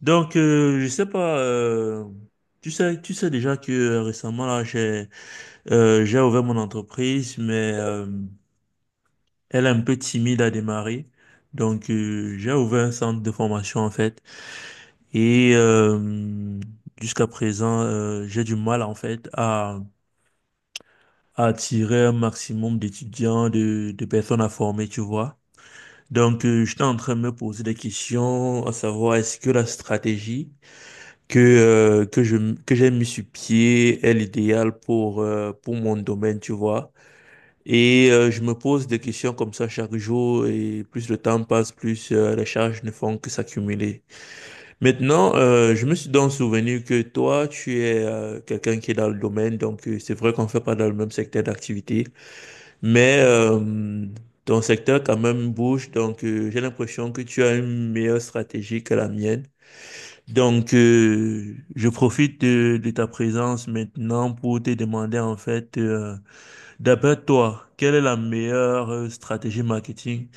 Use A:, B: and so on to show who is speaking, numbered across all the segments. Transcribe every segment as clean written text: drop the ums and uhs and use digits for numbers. A: Je sais pas, tu sais déjà que récemment, là, j'ai ouvert mon entreprise, mais elle est un peu timide à démarrer. J'ai ouvert un centre de formation, en fait. Et euh, Jusqu'à présent, j'ai du mal, en fait, à attirer un maximum d'étudiants, de personnes à former, tu vois. J'étais en train de me poser des questions, à savoir, est-ce que la stratégie que j'ai mis sur pied est l'idéal pour mon domaine, tu vois. Je me pose des questions comme ça chaque jour et plus le temps passe, plus les charges ne font que s'accumuler. Maintenant, je me suis donc souvenu que toi, tu es quelqu'un qui est dans le domaine, donc c'est vrai qu'on fait pas dans le même secteur d'activité, mais ton secteur quand même bouge, donc j'ai l'impression que tu as une meilleure stratégie que la mienne. Je profite de ta présence maintenant pour te demander en fait, d'après toi, quelle est la meilleure stratégie marketing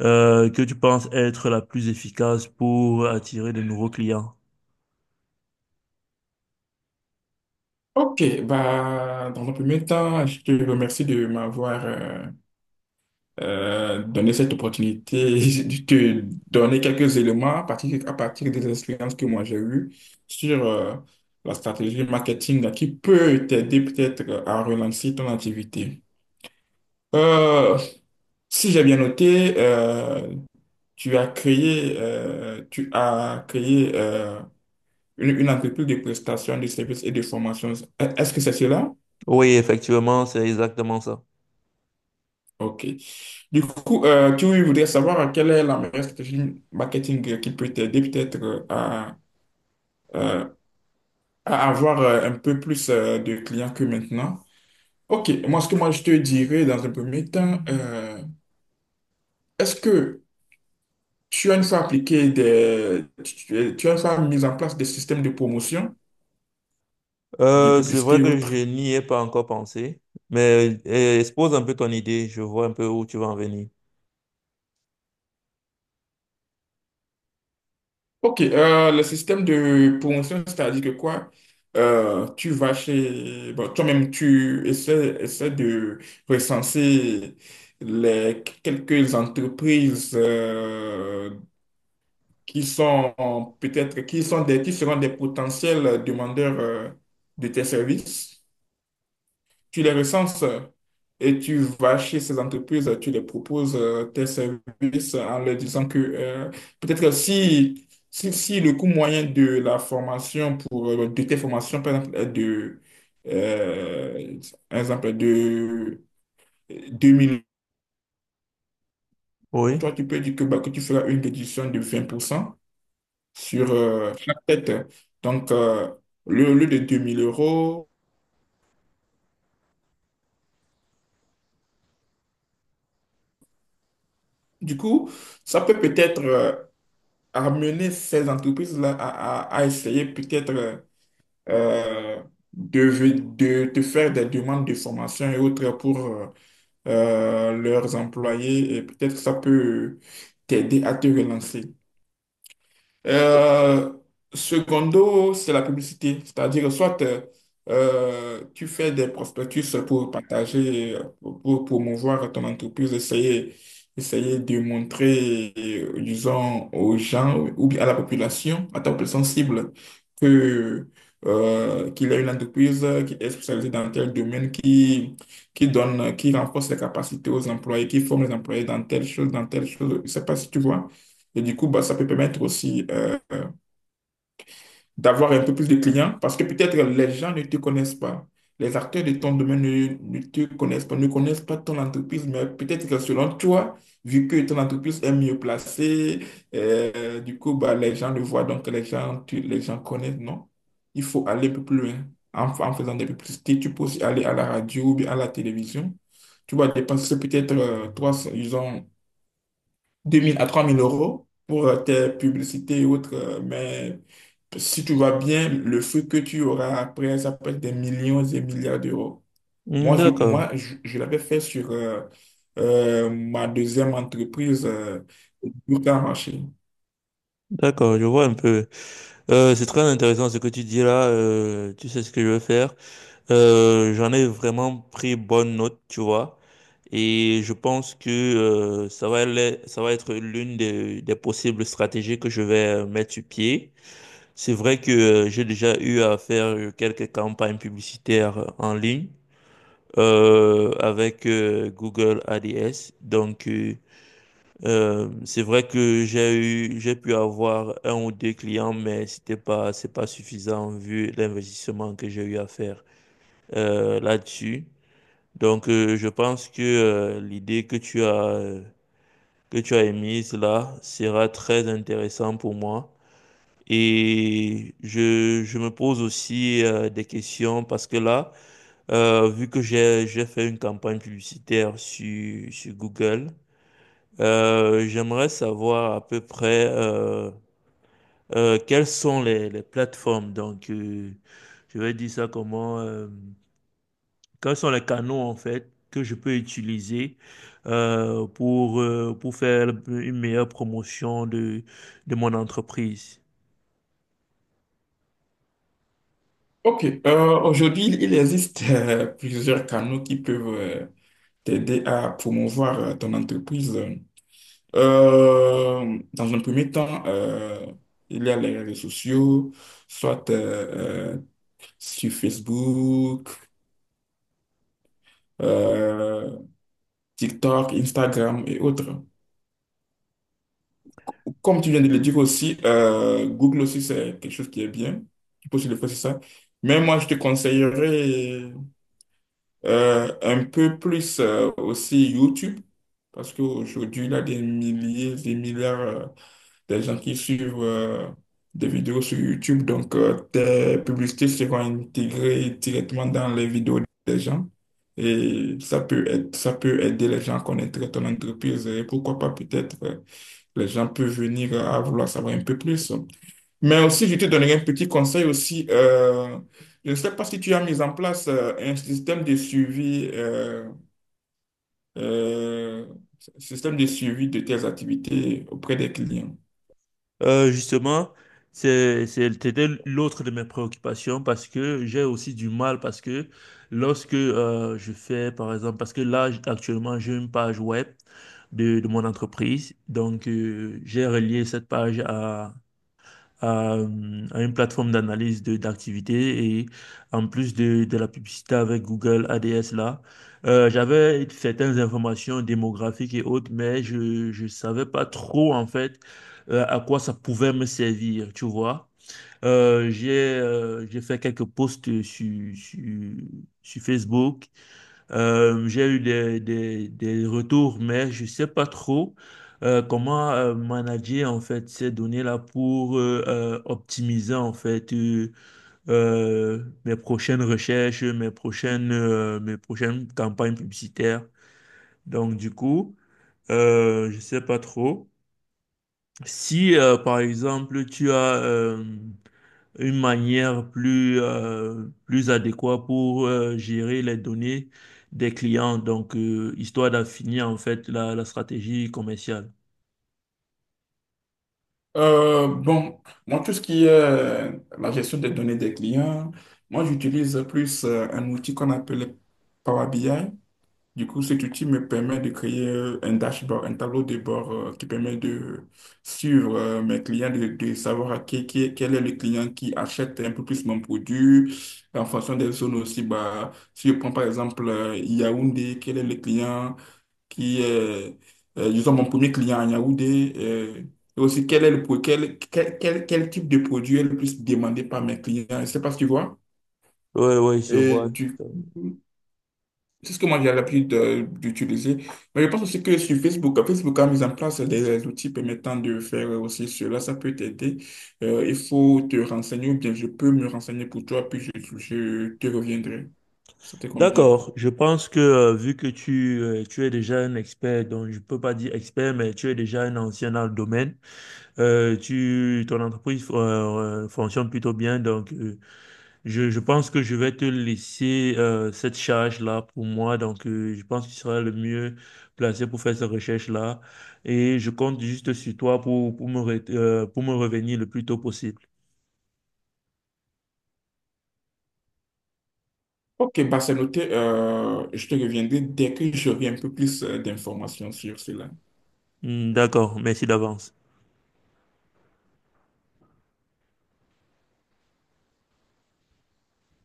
A: que tu penses être la plus efficace pour attirer de nouveaux clients?
B: Dans un premier temps, je te remercie de m'avoir donné cette opportunité de te donner quelques éléments à partir des expériences que moi j'ai eues sur la stratégie marketing qui peut t'aider peut-être à relancer ton activité. Euh, Si j'ai bien noté, tu as créé une entreprise de prestations de services et de formations. Est-ce que c'est cela?
A: Oui, effectivement, c'est exactement ça.
B: OK. Du coup, tu voudrais savoir quelle est la meilleure stratégie marketing qui peut t'aider peut-être euh, à avoir un peu plus de clients que maintenant. OK, moi, ce que moi je te dirais dans un premier temps, est-ce que tu as une fois mis en place des systèmes de promotion, de
A: C'est vrai
B: publicité ou
A: que je
B: autre?
A: n'y ai pas encore pensé, mais expose un peu ton idée, je vois un peu où tu vas en venir.
B: Ok, le système de promotion, c'est-à-dire que quoi? Tu vas chez... Bon, toi-même, tu essaies de recenser les quelques entreprises qui sont peut-être, qui sont des, qui seront des potentiels demandeurs de tes services, tu les recenses et tu vas chez ces entreprises, tu les proposes tes services en leur disant que peut-être que si le coût moyen de la formation pour de tes formations, par exemple, est de, euh, par exemple, de 2 000,
A: Oui,
B: toi, tu peux dire que, bah, que tu feras une réduction de 20% sur chaque tête. Donc, le au lieu de 2 000 euros, du coup, ça peut peut-être amener ces entreprises-là à, à essayer peut-être euh, de, de faire des demandes de formation et autres pour leurs employés, et peut-être ça peut t'aider à te relancer. Euh, Secondo, c'est la publicité. C'est-à-dire, soit tu fais des prospectus pour partager, pour promouvoir ton entreprise, essayer de montrer, disons, aux gens ou bien à la population, à ta population cible, que, qu'il y a une entreprise qui est spécialisée dans tel domaine, qui donne, qui renforce les capacités aux employés, qui forme les employés dans telle chose, dans telle chose. Je ne sais pas si tu vois. Et du coup, bah, ça peut permettre aussi d'avoir un peu plus de clients parce que peut-être les gens ne te connaissent pas. Les acteurs de ton domaine ne te connaissent pas, ne connaissent pas ton entreprise, mais peut-être que selon toi, vu que ton entreprise est mieux placée, du coup, bah, les gens le voient, donc les gens, les gens connaissent, non? Il faut aller un peu plus loin. En faisant des publicités, tu peux aussi aller à la radio ou bien à la télévision. Tu vas dépenser peut-être 300, disons, 2 000 à 3 000 euros pour tes publicités et autres. Mais si tu vas bien, le fruit que tu auras après, ça peut être des millions et milliards d'euros.
A: hmm,
B: Moi, je,
A: d'accord,
B: moi, je, je l'avais fait sur ma deuxième entreprise, Burka Marché.
A: d'accord, je vois un peu. C'est très intéressant ce que tu dis là. Tu sais ce que je veux faire. J'en ai vraiment pris bonne note, tu vois. Et je pense que ça va être l'une des possibles stratégies que je vais mettre sur pied. C'est vrai que j'ai déjà eu à faire quelques campagnes publicitaires en ligne avec Google ADS. C'est vrai que j'ai eu, j'ai pu avoir un ou deux clients, mais c'est pas suffisant vu l'investissement que j'ai eu à faire là-dessus. Je pense que l'idée que tu as émise là sera très intéressante pour moi. Je me pose aussi des questions parce que là, vu que j'ai fait une campagne publicitaire sur Google, j'aimerais savoir à peu près quelles sont les plateformes. Je vais dire ça comment. Quels sont les canaux en fait que je peux utiliser pour faire une meilleure promotion de mon entreprise.
B: OK. Aujourd'hui, il existe plusieurs canaux qui peuvent t'aider à promouvoir ton entreprise. Dans un premier temps, il y a les réseaux sociaux, soit sur Facebook, euh, TikTok, Instagram et autres. Comme tu viens de le dire aussi, Google aussi, c'est quelque chose qui est bien. Tu peux aussi le faire, c'est ça. Mais moi, je te conseillerais un peu plus aussi YouTube, parce qu'aujourd'hui, il y a des milliers, des milliards de gens qui suivent des vidéos sur YouTube. Donc, tes publicités seront intégrées directement dans les vidéos des gens. Et ça peut aider les gens à connaître ton entreprise. Et pourquoi pas, peut-être, les gens peuvent venir à vouloir savoir un peu plus. Mais aussi, je te donnerai un petit conseil aussi. Je ne sais pas si tu as mis en place un euh, système de suivi de tes activités auprès des clients.
A: Justement, c'était l'autre de mes préoccupations parce que j'ai aussi du mal parce que lorsque je fais, par exemple, parce que là, actuellement, j'ai une page web de mon entreprise. J'ai relié cette page à une plateforme d'analyse de d'activité et en plus de la publicité avec Google ADS là, j'avais certaines informations démographiques et autres, mais je savais pas trop en fait à quoi ça pouvait me servir, tu vois. J'ai fait quelques posts sur Facebook. J'ai eu des retours, mais je sais pas trop comment manager en fait ces données-là pour optimiser en fait mes prochaines recherches, mes prochaines campagnes publicitaires. Donc du coup, je sais pas trop. Si par exemple tu as une manière plus adéquate pour gérer les données des clients, donc histoire d'affinir en fait la stratégie commerciale.
B: Euh, bon, Moi, tout ce qui est la gestion des données des clients, moi, j'utilise plus un outil qu'on appelle Power BI. Du coup, cet outil me permet de créer un dashboard, un tableau de bord qui permet de suivre mes clients, de savoir à qui, quel est le client qui achète un peu plus mon produit en fonction des zones aussi. Bah, si je prends par exemple Yaoundé, quel est le client qui est, disons, mon premier client à Yaoundé, et aussi quel est le, quel type de produit est le plus demandé par mes clients. Je ne sais pas si tu vois.
A: Ouais, ouais, je
B: Et
A: vois.
B: du coup, c'est ce que moi j'ai l'habitude d'utiliser. Mais je pense aussi que sur Facebook, Facebook a mis en place des outils permettant de faire aussi cela. Ça peut t'aider. Il faut te renseigner ou bien je peux me renseigner pour toi, je te reviendrai. Ça te convient.
A: D'accord, je pense que vu que tu es déjà un expert, donc je peux pas dire expert, mais tu es déjà un ancien dans le domaine, ton entreprise fonctionne plutôt bien, donc je pense que je vais te laisser cette charge-là pour moi. Je pense que tu seras le mieux placé pour faire cette recherche-là. Et je compte juste sur toi pour pour me revenir le plus tôt possible.
B: Ok, bah c'est noté. Je te reviendrai dès que j'aurai un peu plus d'informations sur cela.
A: Hmm, d'accord, merci d'avance.